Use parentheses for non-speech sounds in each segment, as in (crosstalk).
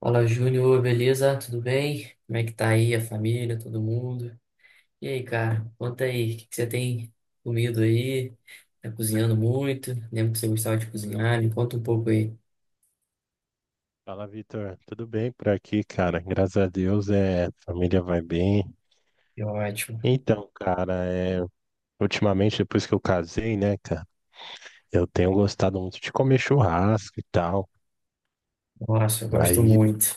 Fala, Júnior, beleza? Tudo bem? Como é que tá aí a família, todo mundo? E aí, cara, conta aí, o que que você tem comido aí? Tá cozinhando muito? Lembro que você gostava de cozinhar, me conta um pouco aí. Fala, Vitor. Tudo bem por aqui, cara? Graças a Deus, a família vai bem. Que ótimo. Então, cara, é, ultimamente, depois que eu casei, né, cara, eu tenho gostado muito de comer churrasco e tal. Nossa, eu gosto Aí, muito.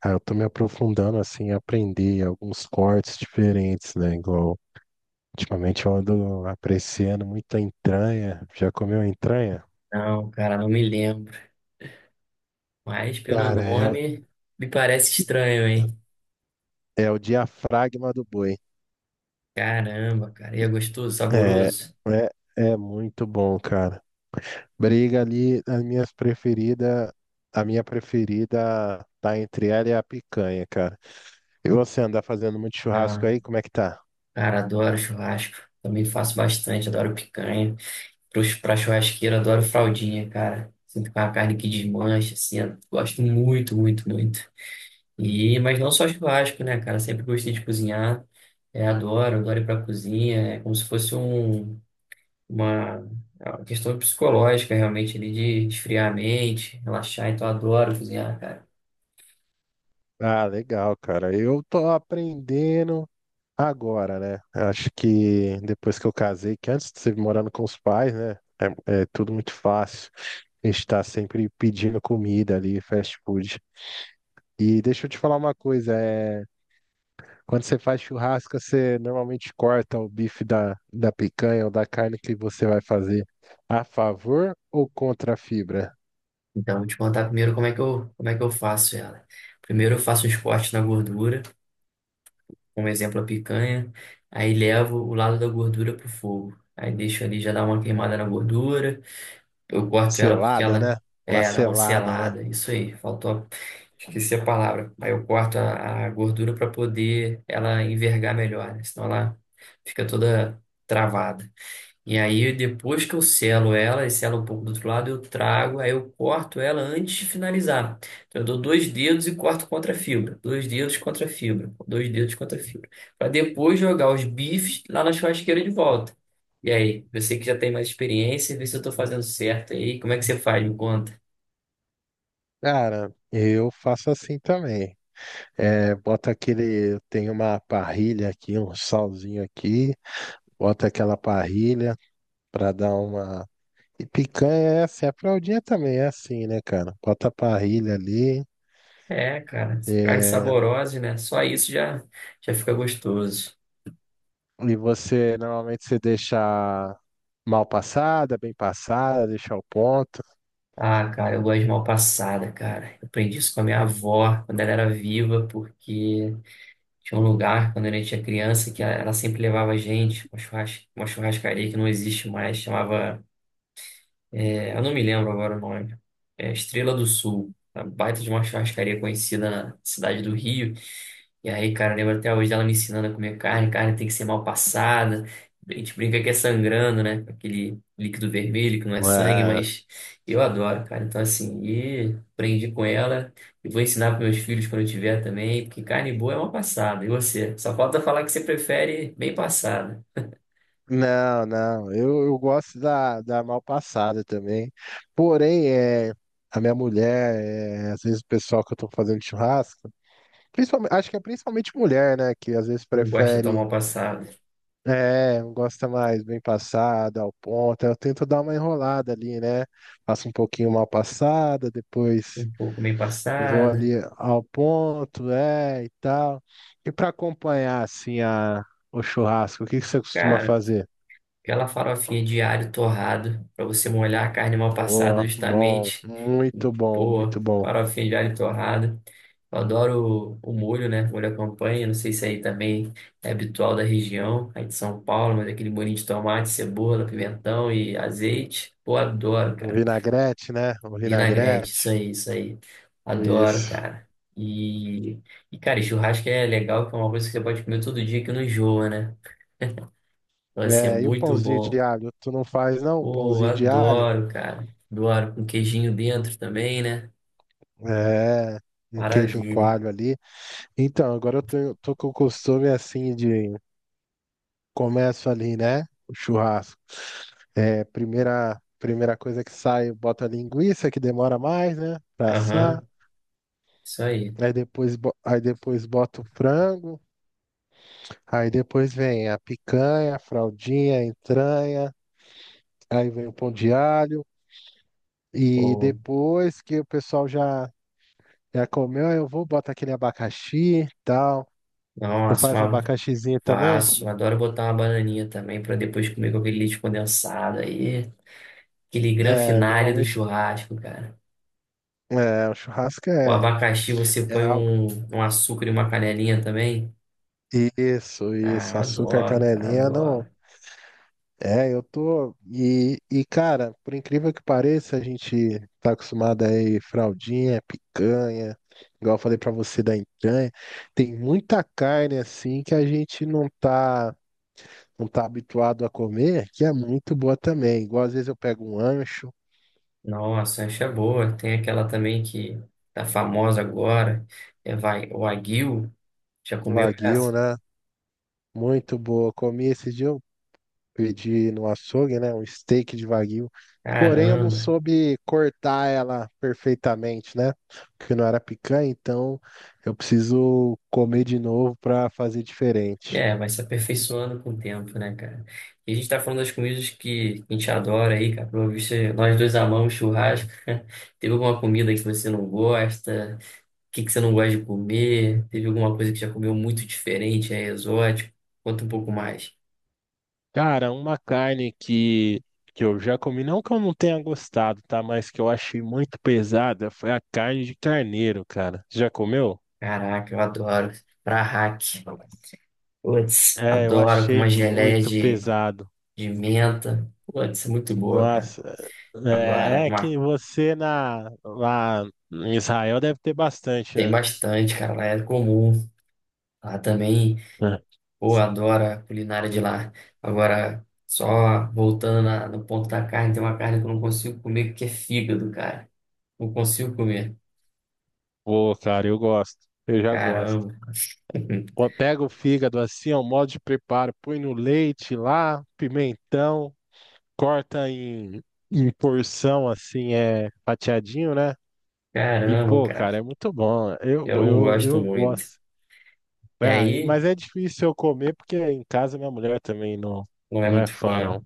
cara, eu tô me aprofundando, assim, em aprender alguns cortes diferentes, né? Igual, ultimamente eu ando apreciando muito a entranha. Já comeu entranha? Não, cara, não me lembro. Mas pelo Cara, é, nome, me parece estranho, hein? é o diafragma do boi. Caramba, cara, e é gostoso, É, saboroso? é, é muito bom, cara. Briga ali, a minha preferida tá entre ela e a picanha, cara. E você anda fazendo muito churrasco Ah, aí, como é que tá? cara, adoro churrasco. Também faço bastante, adoro picanha. Pra churrasqueira, adoro fraldinha, cara. Sinto com a carne que desmancha, assim. Eu Gosto muito, muito, muito. E, mas não só churrasco, né, cara? Sempre gostei de cozinhar. É, adoro, adoro ir pra cozinha. É como se fosse uma, é uma questão psicológica, realmente, ali, de esfriar a mente, relaxar. Então, adoro cozinhar, cara. Ah, legal, cara. Eu tô aprendendo agora, né? Acho que depois que eu casei, que antes de você morando com os pais, né? É, é tudo muito fácil. A gente tá sempre pedindo comida ali, fast food. E deixa eu te falar uma coisa, é. Quando você faz churrasco, você normalmente corta o bife da picanha ou da carne que você vai fazer a favor ou contra a fibra? Então, vou te contar primeiro como é que eu faço ela. Primeiro, eu faço uns cortes na gordura. Como exemplo a picanha, aí levo o lado da gordura pro fogo. Aí deixo ali já dar uma queimada na gordura. Eu corto ela porque Selada, ela né? Uma é, dá uma selada, né? selada. Isso aí, faltou. Esqueci a palavra. Aí eu corto a gordura para poder ela envergar melhor, né? Senão ela fica toda travada. E aí, depois que eu selo ela, e selo um pouco do outro lado, eu trago, aí eu corto ela antes de finalizar. Então, eu dou dois dedos e corto contra a fibra. Dois dedos contra a fibra. Dois dedos contra a fibra. Para depois jogar os bifes lá na churrasqueira de volta. E aí, você que já tem mais experiência, vê se eu tô fazendo certo aí. Como é que você faz? Me conta. Cara, eu faço assim também. É, bota aquele. Eu tenho uma parrilha aqui, um salzinho aqui. Bota aquela parrilha pra dar uma. E picanha é assim, a fraldinha também é assim, né, cara? Bota a parrilha ali. É, cara, carne É, saborosa, né? Só isso já, já fica gostoso. e você normalmente você deixa mal passada, bem passada, deixar o ponto? Ah, cara, eu gosto de mal passada, cara. Eu aprendi isso com a minha avó quando ela era viva, porque tinha um lugar, quando a gente era criança, que ela sempre levava a gente, uma uma churrascaria que não existe mais, chamava eu não me lembro agora o nome. É Estrela do Sul. Uma baita de uma churrascaria conhecida na cidade do Rio. E aí, cara, eu lembro até hoje dela me ensinando a comer carne. Carne tem que ser mal passada. A gente brinca que é sangrando, né? Com aquele líquido vermelho que não é sangue, É. mas eu adoro, cara. Então, assim, e aprendi com ela. E vou ensinar para meus filhos quando eu tiver também, porque carne boa é mal passada. E você? Só falta falar que você prefere bem passada. Não, não, eu gosto da mal passada também. Porém, é, a minha mulher, é, às vezes o pessoal que eu tô fazendo churrasco, principalmente, acho que é principalmente mulher, né, que às vezes Não gosta tão prefere, mal passada. é, gosta mais bem passada, ao ponto. Eu tento dar uma enrolada ali, né? Faço um pouquinho mal passada, depois Um pouco bem vou ali passada. ao ponto, é, e tal. E para acompanhar assim a o churrasco, o que que você costuma Cara. fazer? Aquela farofinha de alho torrado para você molhar a carne mal passada Oh, bom, justamente. muito bom, Pô, muito bom. farofinha de alho torrado. Eu adoro o molho, né? Molho à campanha. Não sei se aí também é habitual da região, aí de São Paulo, mas aquele molhinho de tomate, cebola, pimentão e azeite. Pô, adoro, Um cara. vinagrete, né? Um Vinagrete, isso vinagrete. aí, isso aí. Adoro, Isso. cara. E, e cara, e churrasco é legal, que é uma coisa que você pode comer todo dia que não enjoa, né? (laughs) Vai ser É, e o muito pãozinho de bom. alho? Tu não faz, não? Um Pô, pãozinho de alho? adoro, cara. Adoro com queijinho dentro também, né? É, um queijo Maravilha. coalho ali. Então, agora eu tô com o costume assim de começo ali, né? O churrasco. É, primeira coisa que sai, bota a linguiça, que demora mais, né? Pra assar. Aham, isso aí. Aí depois, bota o frango. Aí depois vem a picanha, a fraldinha, a entranha. Aí vem o pão de alho. E Pô, depois que o pessoal já comeu, aí eu vou, boto aquele abacaxi e tal. Tu nossa, faz um mal abacaxizinho também? faço. Adoro botar uma bananinha também pra depois comer com aquele leite condensado aí. Aquele gran É, finale do normalmente, churrasco, cara. é, o churrasco O abacaxi você é põe algo. Um açúcar e uma canelinha também. Isso, Ah, isso, açúcar adoro, cara, canelinha, não. adoro. É, eu tô. Cara, por incrível que pareça, a gente tá acostumado aí, fraldinha, picanha, igual eu falei pra você da entranha. Tem muita carne assim que a gente não tá, não tá habituado a comer, que é muito boa também. Igual às vezes eu pego um ancho, Nossa, essa é boa. Tem aquela também que tá famosa agora. É vai, o aguil. Já um comeu wagyu, essa? né? Muito boa. Comi esse dia, pedi no açougue, né? Um steak de wagyu. Porém, eu não Caramba! soube cortar ela perfeitamente, né? Porque não era picanha, então eu preciso comer de novo para fazer diferente. É, vai se aperfeiçoando com o tempo, né, cara? E a gente tá falando das comidas que a gente adora aí, cara. Pelo visto, nós dois amamos churrasco. (laughs) Teve alguma comida que você não gosta? O que que você não gosta de comer? Teve alguma coisa que já comeu muito diferente, é exótico? Conta um pouco mais. Cara, uma carne que eu já comi, não que eu não tenha gostado, tá? Mas que eu achei muito pesada foi a carne de carneiro, cara. Já comeu? Caraca, eu adoro. Prahak. Putz, É, eu adoro com achei uma geleia muito pesada. de menta. Putz, é muito boa, cara. Nossa, Agora, é, é uma- que você lá em Israel deve ter bastante, Tem né? bastante, cara. Lá é comum. Lá também. É. Pô, adoro a culinária de lá. Agora, só voltando no ponto da carne, tem uma carne que eu não consigo comer que é fígado, cara. Não consigo comer. Pô, cara, eu gosto, eu já gosto. Caramba. (laughs) Pô, pega o fígado assim, ó, o modo de preparo, põe no leite lá, pimentão, corta em porção assim, é fatiadinho, né? E Caramba, pô, cara. cara, é muito bom, Eu não gosto eu muito. gosto. E Ah, aí, mas é difícil eu comer porque em casa minha mulher também não, não é não é muito fã, fã, não.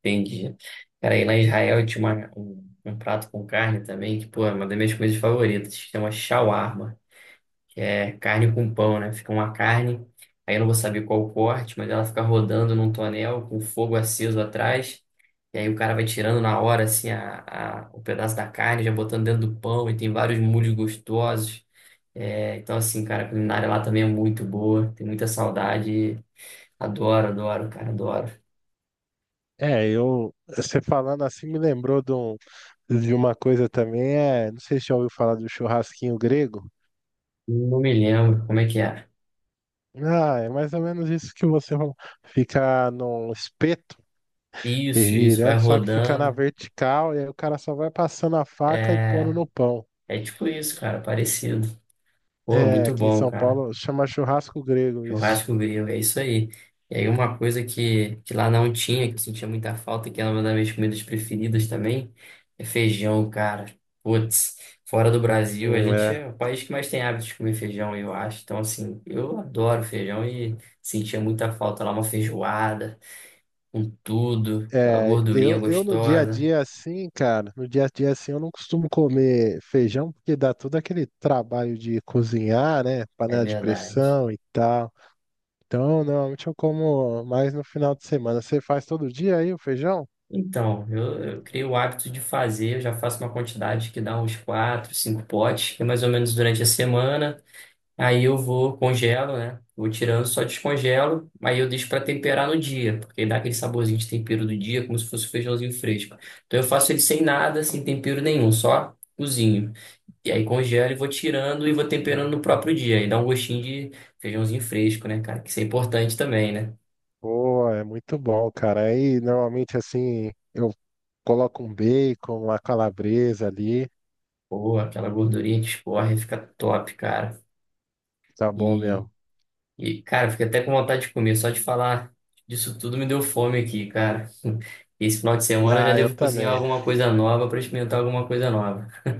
entendi. Cara, aí lá em Israel tinha um prato com carne também, que, pô, é uma das minhas coisas favoritas. Chama shawarma. Que É carne com pão, né? Fica uma carne, aí eu não vou saber qual o corte, mas ela fica rodando num tonel com fogo aceso atrás, e aí o cara vai tirando na hora, assim, o pedaço da carne, já botando dentro do pão, e tem vários molhos gostosos. É, então, assim, cara, a culinária lá também é muito boa, tem muita saudade, adoro, adoro, cara, adoro. É, você falando assim me lembrou de uma coisa também, é, não sei se já ouviu falar do churrasquinho grego. Não me lembro como é que é. Ah, é mais ou menos isso que você falou. Fica num espeto e Isso, vai girando, só que fica na rodando, vertical e aí o cara só vai passando a faca e pondo é, no pão. é tipo isso, cara, parecido. Pô, É, muito aqui em bom, São cara. Paulo chama churrasco grego isso. Churrasco grego, é isso aí. E aí uma coisa que lá não tinha, que eu sentia muita falta, que era uma das minhas comidas preferidas também, é feijão, cara. Putz, fora do Brasil, a gente É. é o país que mais tem hábito de comer feijão, eu acho. Então, assim, eu adoro feijão e sentia muita falta lá, uma feijoada, com tudo, aquela É, gordurinha eu no dia a gostosa. dia assim, cara, no dia a dia assim eu não costumo comer feijão porque dá todo aquele trabalho de cozinhar, né? É Panela de verdade. pressão e tal. Então, normalmente eu como mais no final de semana. Você faz todo dia aí o feijão? Então, eu criei o hábito de fazer, eu já faço uma quantidade que dá uns quatro, cinco potes, que é mais ou menos durante a semana. Aí eu vou, congelo, né? Vou tirando, só descongelo. Aí eu deixo para temperar no dia, porque dá aquele saborzinho de tempero do dia, como se fosse um feijãozinho fresco. Então eu faço ele sem nada, sem tempero nenhum, só cozinho. E aí congelo e vou tirando e vou temperando no próprio dia. Aí dá um gostinho de feijãozinho fresco, né, cara? Que isso é importante também, né? Pô, é muito bom, cara. Aí normalmente assim eu coloco um bacon, uma calabresa ali. Pô, aquela gordurinha que escorre, fica top, cara. Tá bom E mesmo. E cara, fiquei até com vontade de comer. Só de falar disso tudo me deu fome aqui, cara. (laughs) Esse final de semana eu já Ah, eu devo cozinhar também. alguma coisa nova para experimentar alguma coisa nova. (laughs)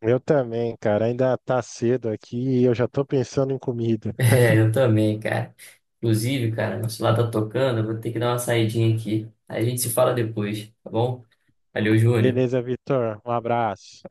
Eu também, cara. Ainda tá cedo aqui e eu já tô pensando em comida. É, eu também, cara. Inclusive, cara, nosso celular tá tocando, eu vou ter que dar uma saidinha aqui. Aí A gente se fala depois, tá bom? Valeu, Júnior. Beleza, Vitor. Um abraço.